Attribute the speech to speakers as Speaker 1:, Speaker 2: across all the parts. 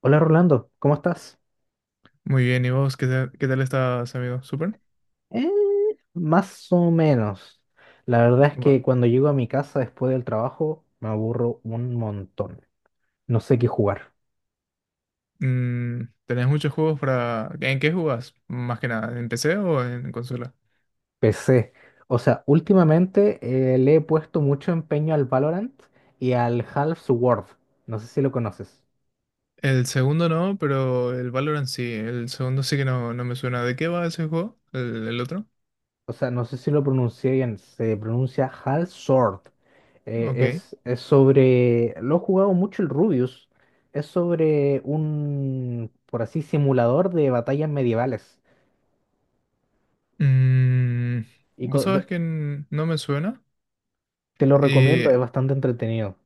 Speaker 1: Hola Rolando, ¿cómo estás?
Speaker 2: Muy bien, ¿y vos qué tal, estás, amigo? ¿Súper?
Speaker 1: Eh, más o menos. La verdad es
Speaker 2: Va.
Speaker 1: que cuando llego a mi casa después del trabajo me aburro un montón. No sé qué jugar.
Speaker 2: ¿Tenés muchos juegos para... ¿En qué jugás? Más que nada, ¿en PC o en consola?
Speaker 1: PC. O sea, últimamente le he puesto mucho empeño al Valorant y al Half-Sword. No sé si lo conoces.
Speaker 2: El segundo no, pero el Valorant sí. El segundo sí que no, no me suena. ¿De qué va ese juego? ¿El otro?
Speaker 1: O sea, no sé si lo pronuncié bien, se pronuncia Hal Sword. Eh,
Speaker 2: Ok.
Speaker 1: es, es sobre, lo he jugado mucho el Rubius, es sobre un, por así, simulador de batallas medievales.
Speaker 2: Mm,
Speaker 1: Y
Speaker 2: ¿vos
Speaker 1: co- do-
Speaker 2: sabés que no me suena?
Speaker 1: te lo recomiendo,
Speaker 2: Y,
Speaker 1: es bastante entretenido.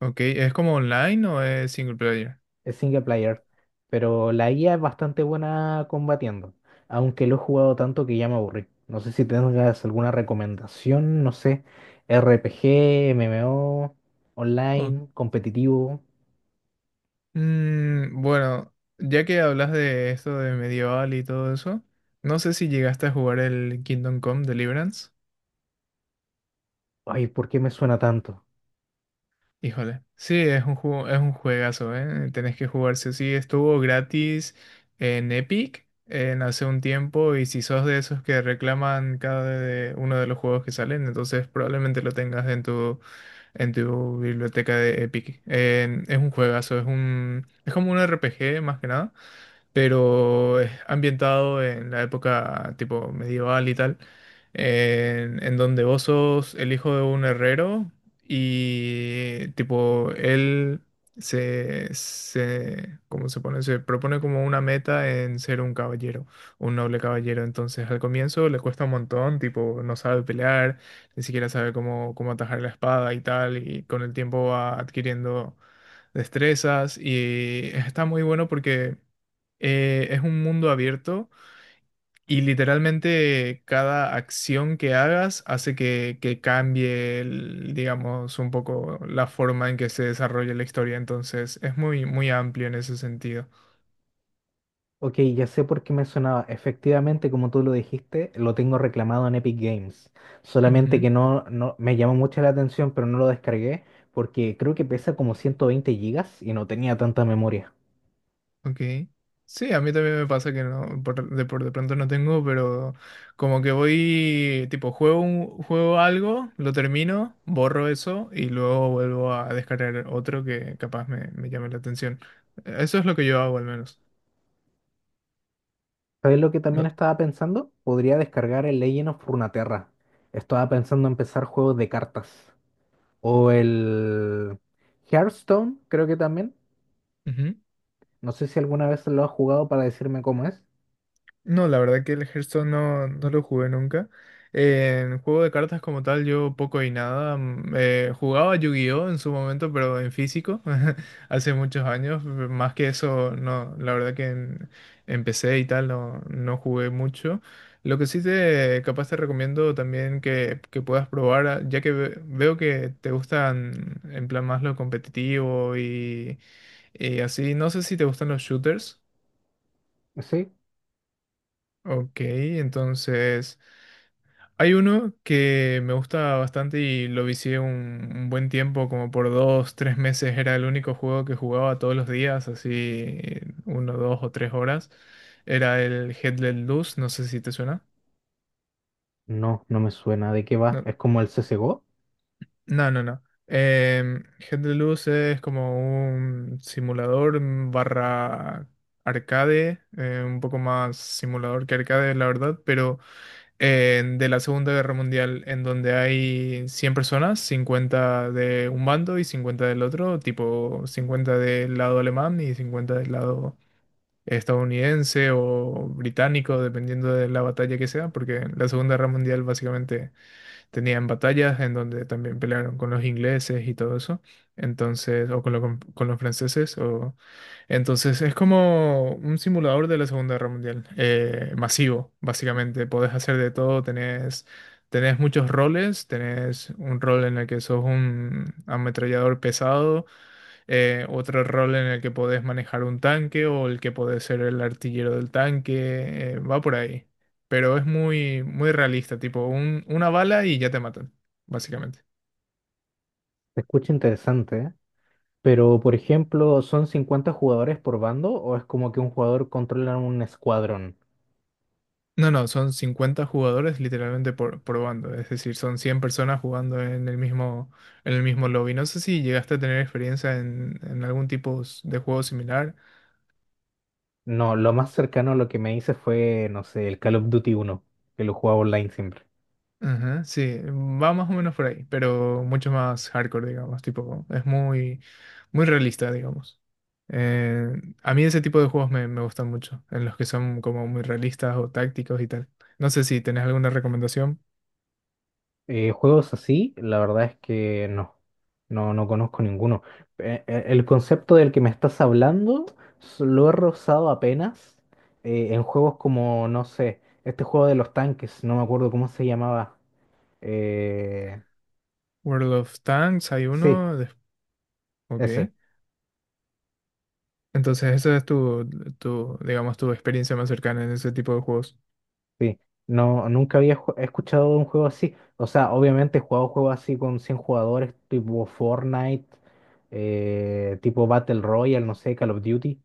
Speaker 2: ok, ¿es como online o es single player?
Speaker 1: Es single player, pero la IA es bastante buena combatiendo, aunque lo he jugado tanto que ya me aburrí. No sé si tengas alguna recomendación, no sé, RPG, MMO, online, competitivo.
Speaker 2: Mm, bueno, ya que hablas de esto de medieval y todo eso, no sé si llegaste a jugar el Kingdom Come Deliverance.
Speaker 1: Ay, ¿por qué me suena tanto?
Speaker 2: Híjole, sí, es un juego, es un juegazo, ¿eh? Tenés que jugar sí o sí. Estuvo gratis en Epic en hace un tiempo y si sos de esos que reclaman uno de los juegos que salen, entonces probablemente lo tengas en en tu biblioteca de Epic. Es un juegazo, es como un RPG más que nada, pero es ambientado en la época tipo medieval y tal, en donde vos sos el hijo de un herrero y tipo él ¿cómo se pone? Se propone como una meta en ser un caballero, un noble caballero. Entonces al comienzo le cuesta un montón, tipo no sabe pelear, ni siquiera sabe cómo atajar la espada y tal, y con el tiempo va adquiriendo destrezas y está muy bueno porque es un mundo abierto y literalmente cada acción que hagas hace que cambie, digamos, un poco la forma en que se desarrolla la historia. Entonces, es muy, muy amplio en ese sentido.
Speaker 1: Ok, ya sé por qué me sonaba. Efectivamente, como tú lo dijiste, lo tengo reclamado en Epic Games. Solamente
Speaker 2: Ujú,
Speaker 1: que no me llamó mucho la atención, pero no lo descargué porque creo que pesa como 120 gigas y no tenía tanta memoria.
Speaker 2: ok. Sí, a mí también me pasa que no, por de pronto no tengo, pero como que voy, tipo, juego, juego algo, lo termino, borro eso y luego vuelvo a descargar otro que capaz me llame la atención. Eso es lo que yo hago al menos.
Speaker 1: ¿Sabes lo que también
Speaker 2: No,
Speaker 1: estaba pensando? Podría descargar el Legend of Runeterra. Estaba pensando en empezar juegos de cartas. O el Hearthstone, creo que también.
Speaker 2: ujú.
Speaker 1: No sé si alguna vez lo has jugado para decirme cómo es.
Speaker 2: No, la verdad que el Hearthstone no, no lo jugué nunca. En juego de cartas como tal, yo poco y nada. Mm, jugaba Yu-Gi-Oh en su momento, pero en físico, hace muchos años. Más que eso, no, la verdad que empecé y tal, no, no jugué mucho. Lo que sí te, capaz te recomiendo también que puedas probar, ah, ya que veo que te gustan en plan más lo competitivo y así. No sé si te gustan los shooters.
Speaker 1: ¿Sí?
Speaker 2: Ok, entonces hay uno que me gusta bastante y lo vicié un buen tiempo, como por dos, tres meses era el único juego que jugaba todos los días, así uno, dos o tres horas. Era el Headless Luz, no sé si te suena.
Speaker 1: No, no me suena. ¿De qué va?
Speaker 2: No,
Speaker 1: Es como el CSGO.
Speaker 2: no, no. no. Em, Headless Luz es como un simulador barra arcade, un poco más simulador que arcade, la verdad, pero... de la Segunda Guerra Mundial, en donde hay 100 personas, 50 de un bando y 50 del otro, tipo 50 del lado alemán y 50 del lado estadounidense o británico, dependiendo de la batalla que sea, porque la Segunda Guerra Mundial básicamente tenían batallas en donde también pelearon con los ingleses y todo eso. Entonces, o con con los franceses, o... Entonces es como un simulador de la Segunda Guerra Mundial, masivo, básicamente. Podés hacer de todo, tenés muchos roles, tenés un rol en el que sos un ametrallador pesado, otro rol en el que podés manejar un tanque o el que podés ser el artillero del tanque, va por ahí. Pero es muy, muy realista, tipo una bala y ya te matan, básicamente.
Speaker 1: Se escucha interesante, ¿eh? Pero, por ejemplo, ¿son 50 jugadores por bando o es como que un jugador controla un escuadrón?
Speaker 2: No, no, son 50 jugadores literalmente por bando, es decir, son 100 personas jugando en el mismo lobby. No sé si llegaste a tener experiencia en algún tipo de juego similar.
Speaker 1: No, lo más cercano a lo que me hice fue, no sé, el Call of Duty uno, que lo jugaba online siempre.
Speaker 2: Ajá, sí, va más o menos por ahí, pero mucho más hardcore, digamos, tipo, es muy, muy realista, digamos. Eh, a mí ese tipo de juegos me gustan mucho, en los que son como muy realistas o tácticos y tal. No sé si tenés alguna recomendación.
Speaker 1: Juegos así, la verdad es que no. No, no conozco ninguno. El concepto del que me estás hablando lo he rozado apenas en juegos como, no sé, este juego de los tanques, no me acuerdo cómo se llamaba. Eh,
Speaker 2: World of Tanks, hay
Speaker 1: sí,
Speaker 2: uno. Ok.
Speaker 1: ese.
Speaker 2: Entonces, esa es digamos, tu experiencia más cercana en ese tipo de juegos.
Speaker 1: Sí, no, nunca había escuchado de un juego así. O sea, obviamente he jugado juegos así con 100 jugadores, tipo Fortnite, tipo Battle Royale, no sé, Call of Duty,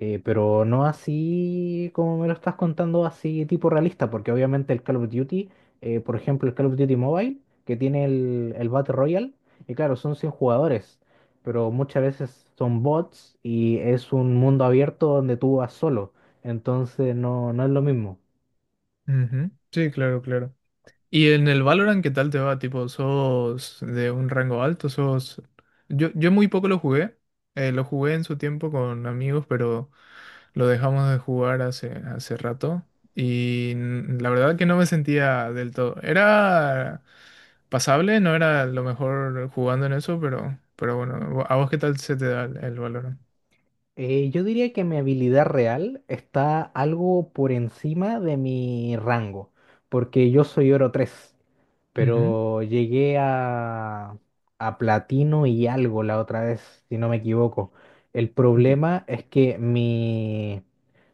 Speaker 1: pero no así como me lo estás contando, así tipo realista, porque obviamente el Call of Duty, por ejemplo, el Call of Duty Mobile, que tiene el Battle Royale, y claro, son 100 jugadores, pero muchas veces son bots y es un mundo abierto donde tú vas solo, entonces no es lo mismo.
Speaker 2: Ujú. Sí, claro, claro. ¿Y en el Valorant qué tal te va? Tipo, ¿sos de un rango alto? ¿Sos...? Yo muy poco lo jugué. Lo jugué en su tiempo con amigos, pero... Lo dejamos de jugar hace, hace rato y la verdad que no me sentía del todo. Era pasable, no era lo mejor jugando en eso, pero bueno, ¿a vos qué tal se te da el Valorant?
Speaker 1: Yo diría que mi habilidad real está algo por encima de mi rango, porque yo soy oro 3
Speaker 2: Ujú,
Speaker 1: pero llegué a platino y algo la otra vez, si no me equivoco. El
Speaker 2: ok,
Speaker 1: problema es que mi,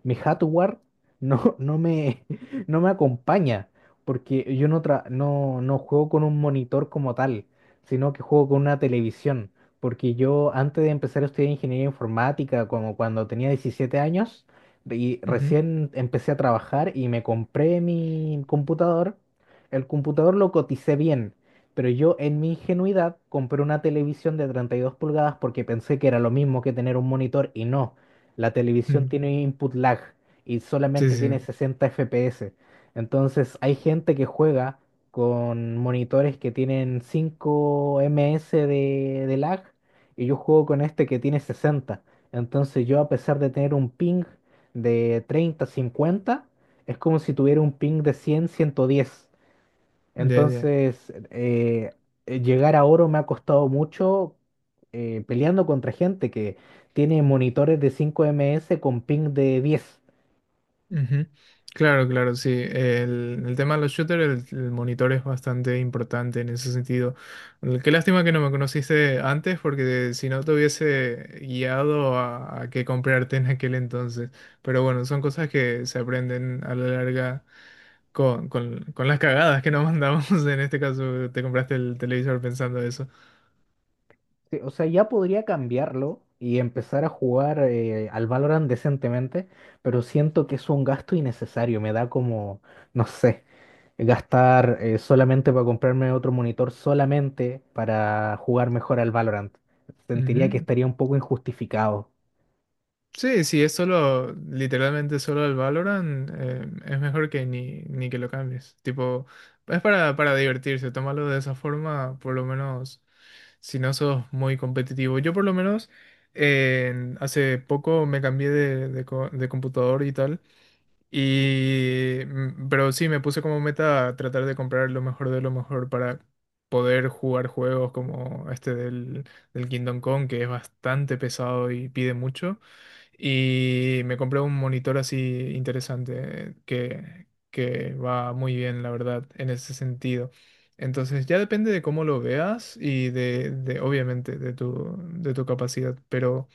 Speaker 1: mi hardware no, no me, no me acompaña, porque yo no juego con un monitor como tal, sino que juego con una televisión. Porque yo antes de empezar a estudiar ingeniería informática, como cuando tenía 17 años, y
Speaker 2: ujú,
Speaker 1: recién empecé a trabajar y me compré mi computador, el computador lo coticé bien, pero yo en mi ingenuidad compré una televisión de 32 pulgadas porque pensé que era lo mismo que tener un monitor y no. La televisión
Speaker 2: mm,
Speaker 1: tiene input lag y
Speaker 2: sí,
Speaker 1: solamente
Speaker 2: sí,
Speaker 1: tiene
Speaker 2: sí.
Speaker 1: 60 FPS. Entonces hay gente que juega con monitores que tienen 5 ms de lag y yo juego con este que tiene 60. Entonces yo a pesar de tener un ping de 30 50 es como si tuviera un ping de cien ciento diez.
Speaker 2: Ya, ya.
Speaker 1: Entonces, llegar a oro me ha costado mucho peleando contra gente que tiene monitores de 5 ms con ping de 10.
Speaker 2: Ujú. Claro, claro, sí. El tema de los shooters, el monitor es bastante importante en ese sentido. Qué lástima que no me conociste antes, porque si no te hubiese guiado a qué comprarte en aquel entonces. Pero bueno, son cosas que se aprenden a la larga con las cagadas que nos mandamos. En este caso, te compraste el televisor pensando eso.
Speaker 1: Sí, o sea, ya podría cambiarlo y empezar a jugar al Valorant decentemente, pero siento que es un gasto innecesario. Me da como, no sé, gastar solamente para comprarme otro monitor, solamente para jugar mejor al Valorant. Sentiría que
Speaker 2: Ujú.
Speaker 1: estaría un poco injustificado.
Speaker 2: Sí, sí, es solo, literalmente solo el Valorant, es mejor que ni, ni que lo cambies. Tipo, es para divertirse, tómalo de esa forma, por lo menos si no sos muy competitivo. Yo por lo menos hace poco me cambié de computador y tal, pero sí, me puse como meta tratar de comprar lo mejor de lo mejor para poder jugar juegos como este del Kingdom Come, que es bastante pesado y pide mucho. Y me compré un monitor así interesante que va muy bien, la verdad, en ese sentido. Entonces ya depende de cómo lo veas y obviamente de de tu capacidad.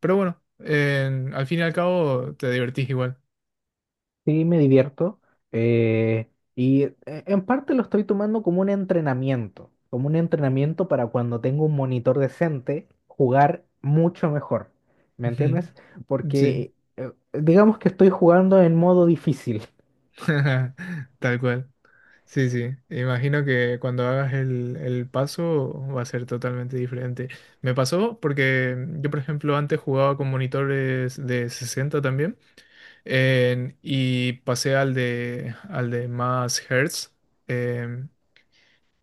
Speaker 2: Pero bueno, al fin y al cabo te divertís igual.
Speaker 1: Sí, me divierto. Y en parte lo estoy tomando como un entrenamiento para cuando tengo un monitor decente, jugar mucho mejor. ¿Me
Speaker 2: Ujú.
Speaker 1: entiendes?
Speaker 2: Sí,
Speaker 1: Porque digamos que estoy jugando en modo difícil.
Speaker 2: tal cual. Sí, sí, imagino que cuando hagas el paso va a ser totalmente diferente. Me pasó porque yo, por ejemplo, antes jugaba con monitores de 60 también y pasé al de más hertz. em,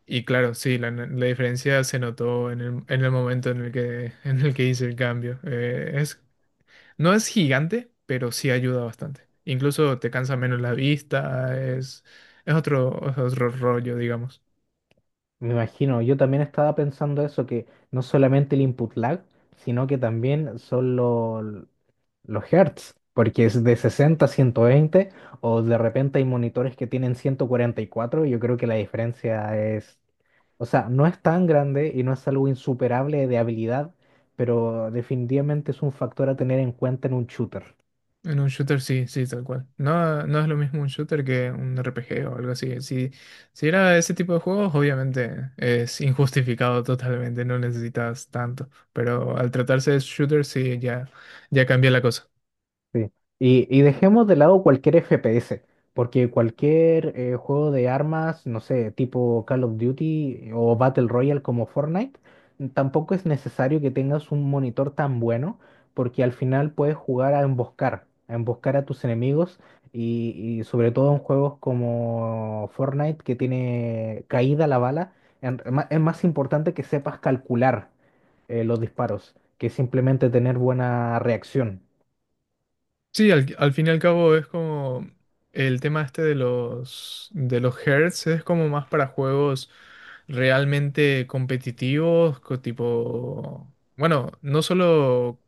Speaker 2: y claro, sí, la diferencia se notó en en el momento en el que, en el que hice el cambio. Es, no es gigante, pero sí ayuda bastante. Incluso te cansa menos la vista, es otro rollo, digamos.
Speaker 1: Me imagino, yo también estaba pensando eso, que no solamente el input lag, sino que también son los hertz, porque es de 60 a 120 o de repente hay monitores que tienen 144, yo creo que la diferencia es, o sea, no es tan grande y no es algo insuperable de habilidad, pero definitivamente es un factor a tener en cuenta en un shooter.
Speaker 2: En un shooter sí, sí, tal cual. No, no es lo mismo un shooter que un RPG o algo así. Si, si era ese tipo de juegos, obviamente es injustificado totalmente, no necesitas tanto. Pero al tratarse de shooter, sí, ya, ya cambia la cosa.
Speaker 1: Sí. Y dejemos de lado cualquier FPS, porque cualquier juego de armas, no sé, tipo Call of Duty o Battle Royale como Fortnite, tampoco es necesario que tengas un monitor tan bueno, porque al final puedes jugar a emboscar, a emboscar a tus enemigos y sobre todo en juegos como Fortnite que tiene caída la bala, es más importante que sepas calcular los disparos que simplemente tener buena reacción.
Speaker 2: Sí, al fin y al cabo es como el tema este de los hertz es como más para juegos realmente competitivos, tipo, bueno, no solo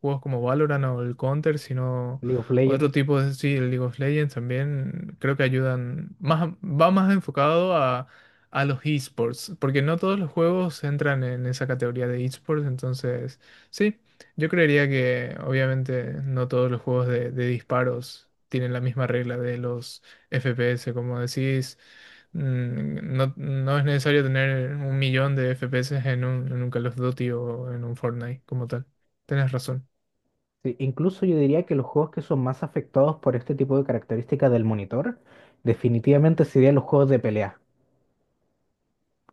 Speaker 2: juegos como Valorant o el Counter, sino
Speaker 1: League of
Speaker 2: otro
Speaker 1: Legends.
Speaker 2: tipo de, sí, el League of Legends también creo que ayudan más, va más enfocado a los esports, porque no todos los juegos entran en esa categoría de esports, entonces, sí. Yo creería que obviamente no todos los juegos de disparos tienen la misma regla de los FPS, como decís, mm, no, no es necesario tener un millón de FPS en un Call of Duty o en un Fortnite como tal. Tenés razón.
Speaker 1: Sí, incluso yo diría que los juegos que son más afectados por este tipo de características del monitor, definitivamente serían los juegos de pelea,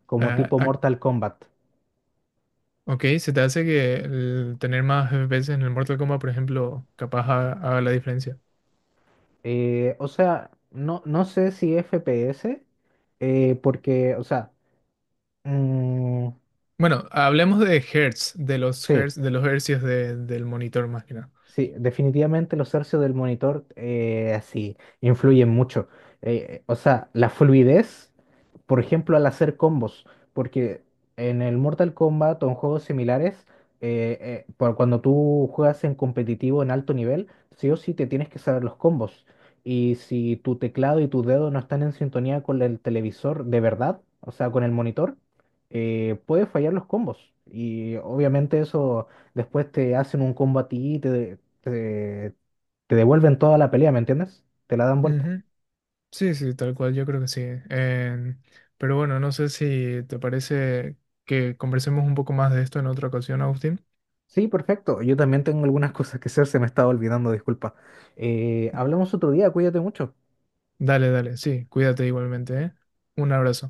Speaker 1: como
Speaker 2: Ah,
Speaker 1: tipo Mortal Kombat.
Speaker 2: ok, se te hace que el tener más FPS en el Mortal Kombat, por ejemplo, capaz haga la diferencia.
Speaker 1: O sea, no, no sé si FPS, porque, o sea, mm,
Speaker 2: Bueno, hablemos de
Speaker 1: sí,
Speaker 2: hertz, de los hercios del monitor más que nada.
Speaker 1: sí, definitivamente los hercios del monitor así influyen mucho. O sea, la fluidez, por ejemplo, al hacer combos, porque en el Mortal Kombat o en juegos similares, por cuando tú juegas en competitivo en alto nivel, sí o sí te tienes que saber los combos. Y si tu teclado y tus dedos no están en sintonía con el televisor de verdad, o sea, con el monitor, puede fallar los combos. Y obviamente eso, después te hacen un combo a ti y te devuelven toda la pelea, ¿me entiendes? Te la dan vuelta.
Speaker 2: Sí, sí, tal cual, yo creo que sí. Em, pero bueno, no sé si te parece que conversemos un poco más de esto en otra ocasión, Agustín.
Speaker 1: Sí, perfecto. Yo también tengo algunas cosas que hacer, se me estaba olvidando, disculpa. Hablamos otro día, cuídate mucho.
Speaker 2: Dale, dale, sí, cuídate igualmente, ¿eh? Un abrazo.